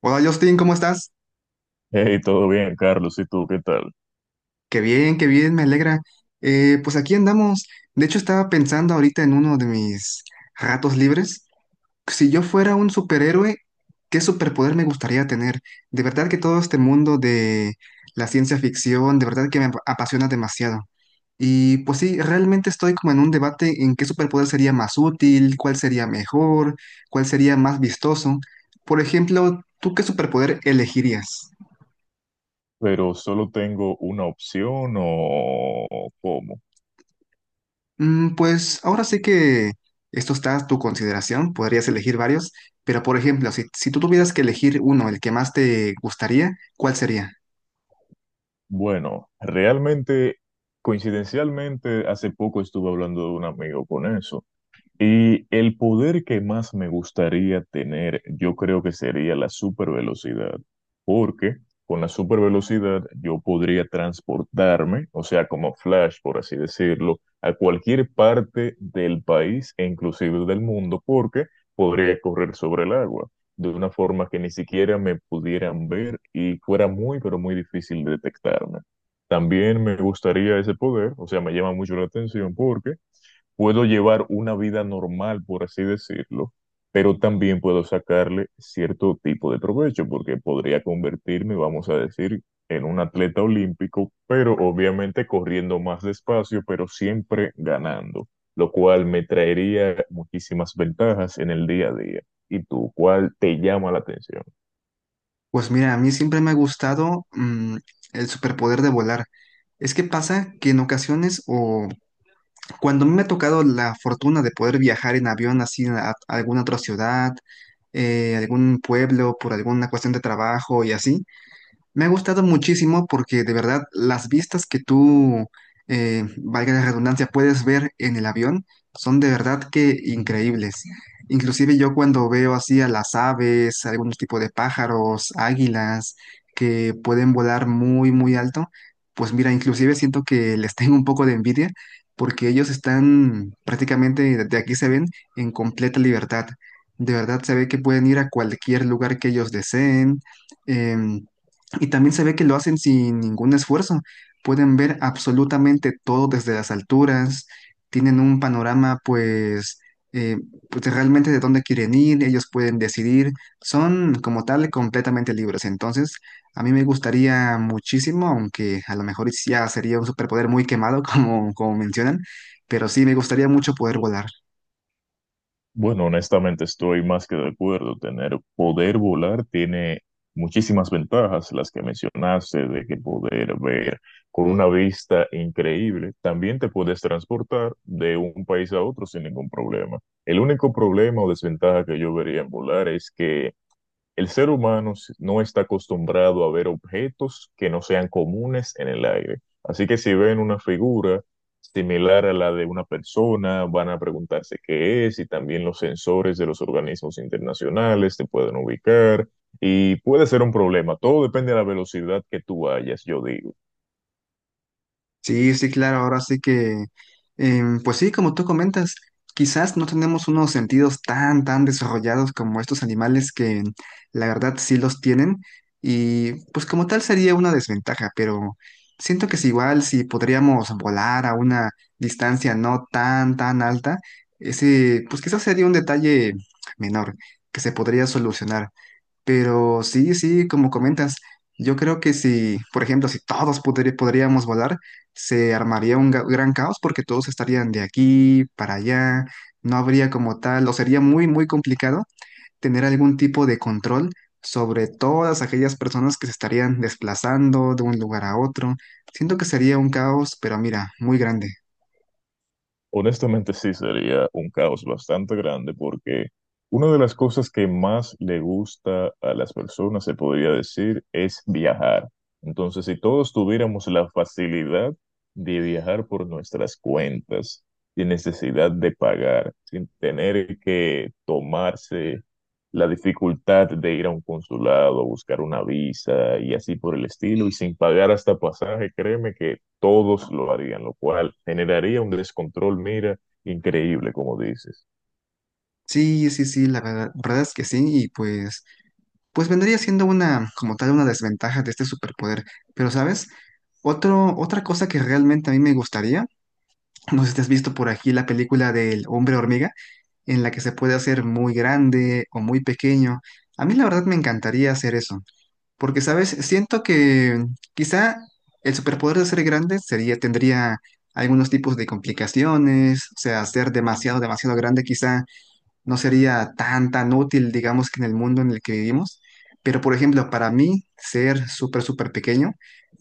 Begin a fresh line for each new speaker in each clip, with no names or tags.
Hola, Justin, ¿cómo estás?
Hey, todo bien, Carlos, ¿y tú qué tal?
Qué bien, me alegra. Pues aquí andamos. De hecho, estaba pensando ahorita en uno de mis ratos libres. Si yo fuera un superhéroe, ¿qué superpoder me gustaría tener? De verdad que todo este mundo de la ciencia ficción, de verdad que me apasiona demasiado. Y pues sí, realmente estoy como en un debate en qué superpoder sería más útil, cuál sería mejor, cuál sería más vistoso. Por ejemplo, ¿tú qué superpoder elegirías?
Pero solo tengo una opción o cómo.
Pues ahora sí que esto está a tu consideración, podrías elegir varios, pero, por ejemplo, si tú tuvieras que elegir uno, el que más te gustaría, ¿cuál sería?
Bueno, realmente, coincidencialmente, hace poco estuve hablando de un amigo con eso. Y el poder que más me gustaría tener, yo creo que sería la supervelocidad, porque con la supervelocidad yo podría transportarme, o sea, como Flash, por así decirlo, a cualquier parte del país e inclusive del mundo, porque podría correr sobre el agua de una forma que ni siquiera me pudieran ver y fuera muy, pero muy difícil detectarme. También me gustaría ese poder, o sea, me llama mucho la atención porque puedo llevar una vida normal, por así decirlo, pero también puedo sacarle cierto tipo de provecho, porque podría convertirme, vamos a decir, en un atleta olímpico, pero obviamente corriendo más despacio, pero siempre ganando, lo cual me traería muchísimas ventajas en el día a día. ¿Y tú, cuál te llama la atención?
Pues mira, a mí siempre me ha gustado el superpoder de volar. Es que pasa que en ocasiones, o cuando a mí me ha tocado la fortuna de poder viajar en avión así a alguna otra ciudad, algún pueblo, por alguna cuestión de trabajo y así. Me ha gustado muchísimo porque de verdad las vistas que tú valga la redundancia, puedes ver en el avión son de verdad que increíbles. Inclusive yo, cuando veo así a las aves, algún tipo de pájaros, águilas que pueden volar muy, muy alto, pues mira, inclusive siento que les tengo un poco de envidia porque ellos están prácticamente, de aquí se ven, en completa libertad. De verdad se ve que pueden ir a cualquier lugar que ellos deseen. em, y también se ve que lo hacen sin ningún esfuerzo. Pueden ver absolutamente todo desde las alturas, tienen un panorama eh, pues de realmente de dónde quieren ir, ellos pueden decidir, son como tal completamente libres. Entonces, a mí me gustaría muchísimo, aunque a lo mejor ya sería un superpoder muy quemado como, como mencionan, pero sí me gustaría mucho poder volar.
Bueno, honestamente estoy más que de acuerdo. Tener poder volar tiene muchísimas ventajas, las que mencionaste, de que poder ver con una vista increíble. También te puedes transportar de un país a otro sin ningún problema. El único problema o desventaja que yo vería en volar es que el ser humano no está acostumbrado a ver objetos que no sean comunes en el aire. Así que si ven una figura similar a la de una persona, van a preguntarse qué es, y también los sensores de los organismos internacionales te pueden ubicar y puede ser un problema. Todo depende de la velocidad que tú vayas, yo digo.
Sí, sí, claro, ahora sí que, pues sí, como tú comentas, quizás no tenemos unos sentidos tan, tan desarrollados como estos animales, que la verdad sí los tienen, y pues como tal sería una desventaja, pero siento que es igual si podríamos volar a una distancia no tan, tan alta, ese, pues quizás sería un detalle menor que se podría solucionar. Pero sí, sí, como comentas, yo creo que si, por ejemplo, si todos podríamos volar, se armaría un gran caos porque todos estarían de aquí para allá, no habría como tal, o sería muy, muy complicado tener algún tipo de control sobre todas aquellas personas que se estarían desplazando de un lugar a otro. Siento que sería un caos, pero mira, muy grande.
Honestamente sí sería un caos bastante grande porque una de las cosas que más le gusta a las personas, se podría decir, es viajar. Entonces, si todos tuviéramos la facilidad de viajar por nuestras cuentas, sin necesidad de pagar, sin tener que tomarse la dificultad de ir a un consulado, buscar una visa y así por el estilo, y sin pagar hasta pasaje, créeme que todos lo harían, lo cual generaría un descontrol, mira, increíble, como dices.
Sí, sí, sí, la verdad, verdad es que sí, y pues, pues vendría siendo una, como tal, una desventaja de este superpoder. Pero ¿sabes? Otra cosa que realmente a mí me gustaría, no sé si te has visto por aquí la película del hombre hormiga, en la que se puede hacer muy grande o muy pequeño. A mí la verdad me encantaría hacer eso, porque, ¿sabes? Siento que quizá el superpoder de ser grande sería, tendría algunos tipos de complicaciones, o sea, ser demasiado, demasiado grande quizá no sería tan, tan útil, digamos, que en el mundo en el que vivimos. Pero, por ejemplo, para mí, ser súper, súper pequeño,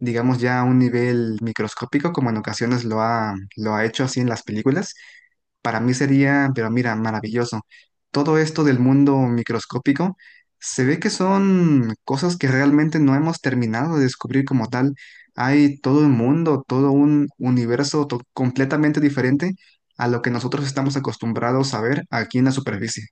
digamos ya a un nivel microscópico, como en ocasiones lo ha hecho así en las películas, para mí sería, pero mira, maravilloso. Todo esto del mundo microscópico se ve que son cosas que realmente no hemos terminado de descubrir como tal. Hay todo un mundo, todo un universo completamente diferente a lo que nosotros estamos acostumbrados a ver aquí en la superficie.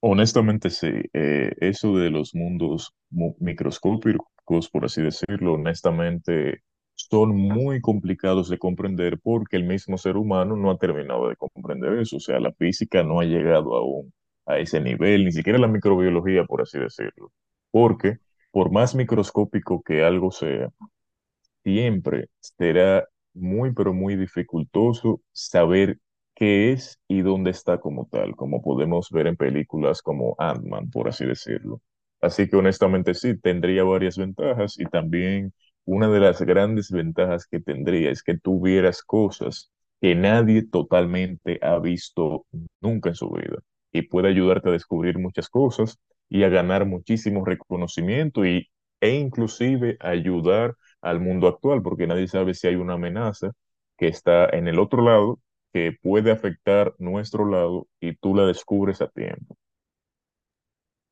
Honestamente, sí, eso de los mundos microscópicos, por así decirlo, honestamente, son muy complicados de comprender porque el mismo ser humano no ha terminado de comprender eso, o sea, la física no ha llegado aún a ese nivel, ni siquiera la microbiología, por así decirlo, porque por más microscópico que algo sea, siempre será muy, pero muy dificultoso saber qué es y dónde está como tal, como podemos ver en películas como Ant-Man, por así decirlo. Así que honestamente sí, tendría varias ventajas, y también una de las grandes ventajas que tendría es que tuvieras cosas que nadie totalmente ha visto nunca en su vida y puede ayudarte a descubrir muchas cosas y a ganar muchísimo reconocimiento y, e inclusive ayudar al mundo actual, porque nadie sabe si hay una amenaza que está en el otro lado, que puede afectar nuestro lado y tú la descubres a tiempo.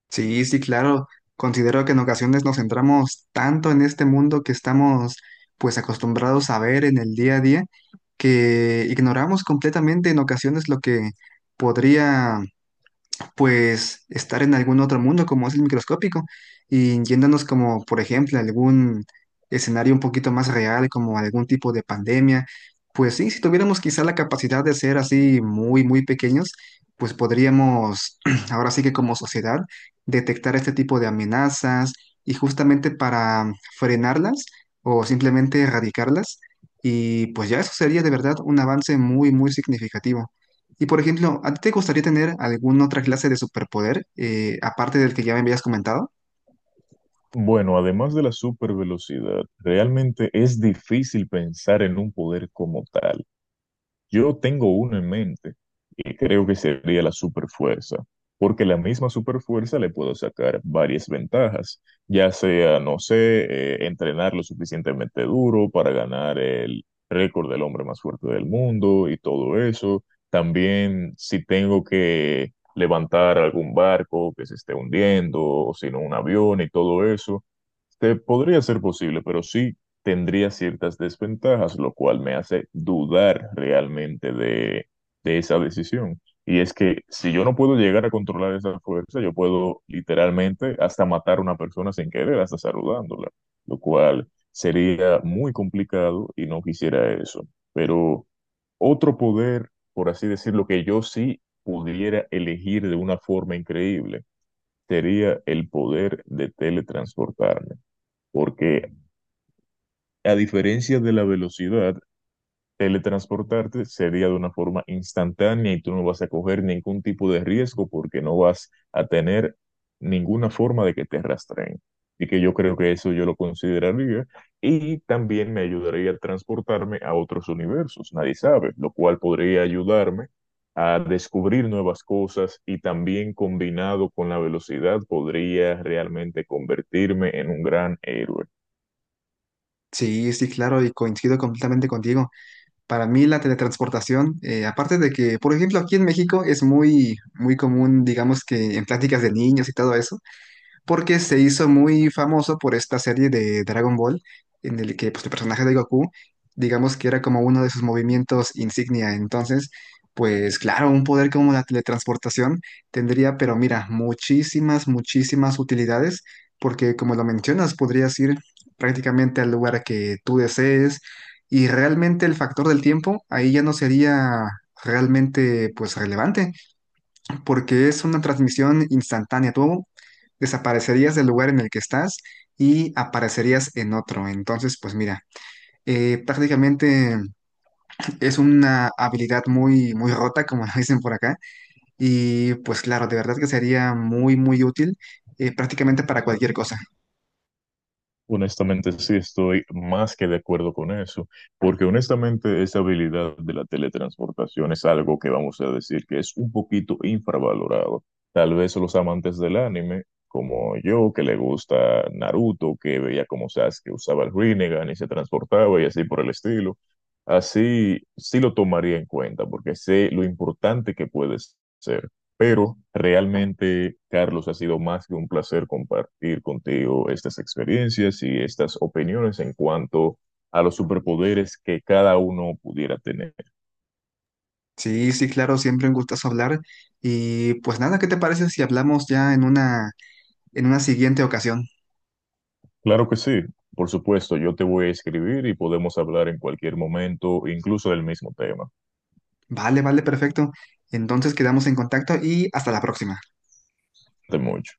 Sí, sí, claro. Considero que en ocasiones nos centramos tanto en este mundo, que estamos pues acostumbrados a ver en el día a día, que ignoramos completamente en ocasiones lo que podría pues estar en algún otro mundo, como es el microscópico, y yéndonos como, por ejemplo, a algún escenario un poquito más real, como algún tipo de pandemia, pues sí, si tuviéramos quizá la capacidad de ser así muy, muy pequeños, pues podríamos, ahora sí que como sociedad, detectar este tipo de amenazas y justamente para frenarlas o simplemente erradicarlas. Y pues ya eso sería de verdad un avance muy, muy significativo. Y, por ejemplo, ¿a ti te gustaría tener alguna otra clase de superpoder, aparte del que ya me habías comentado?
Bueno, además de la supervelocidad, realmente es difícil pensar en un poder como tal. Yo tengo uno en mente que creo que sería la superfuerza, porque la misma superfuerza le puedo sacar varias ventajas, ya sea, no sé, entrenar lo suficientemente duro para ganar el récord del hombre más fuerte del mundo y todo eso. También si tengo que levantar algún barco que se esté hundiendo, o si no un avión y todo eso. Este, podría ser posible, pero sí tendría ciertas desventajas, lo cual me hace dudar realmente de esa decisión. Y es que si yo no puedo llegar a controlar esa fuerza, yo puedo literalmente hasta matar a una persona sin querer, hasta saludándola, lo cual sería muy complicado y no quisiera eso. Pero otro poder, por así decirlo, que yo sí pudiera elegir de una forma increíble, sería el poder de teletransportarme. Porque a diferencia de la velocidad, teletransportarte sería de una forma instantánea y tú no vas a coger ningún tipo de riesgo porque no vas a tener ninguna forma de que te rastreen. Y que yo creo que eso yo lo consideraría. Y también me ayudaría a transportarme a otros universos, nadie sabe, lo cual podría ayudarme a descubrir nuevas cosas y también combinado con la velocidad podría realmente convertirme en un gran héroe.
Sí, sí, claro, y coincido completamente contigo. Para mí la teletransportación, aparte de que, por ejemplo, aquí en México es muy, muy común, digamos que en pláticas de niños y todo eso, porque se hizo muy famoso por esta serie de Dragon Ball, en el que pues el personaje de Goku, digamos que era como uno de sus movimientos insignia. Entonces, pues claro, un poder como la teletransportación tendría, pero mira, muchísimas, muchísimas utilidades, porque como lo mencionas, podrías ir prácticamente al lugar que tú desees, y realmente el factor del tiempo ahí ya no sería realmente pues relevante, porque es una transmisión instantánea. Tú desaparecerías del lugar en el que estás y aparecerías en otro. Entonces, pues mira, prácticamente es una habilidad muy, muy rota, como lo dicen por acá. Y pues claro, de verdad que sería muy, muy útil, prácticamente para cualquier cosa.
Honestamente, sí estoy más que de acuerdo con eso, porque honestamente esa habilidad de la teletransportación es algo que vamos a decir que es un poquito infravalorado. Tal vez los amantes del anime, como yo, que le gusta Naruto, que veía como Sasuke usaba el Rinnegan y se transportaba y así por el estilo, así sí lo tomaría en cuenta, porque sé lo importante que puede ser. Pero realmente, Carlos, ha sido más que un placer compartir contigo estas experiencias y estas opiniones en cuanto a los superpoderes que cada uno pudiera tener.
Sí, sí, claro, siempre un gustazo hablar. Y pues nada, ¿qué te parece si hablamos ya en una siguiente ocasión?
Claro que sí, por supuesto, yo te voy a escribir y podemos hablar en cualquier momento, incluso del mismo tema.
Vale, vale, perfecto. Entonces quedamos en contacto y hasta la próxima.
De mucho.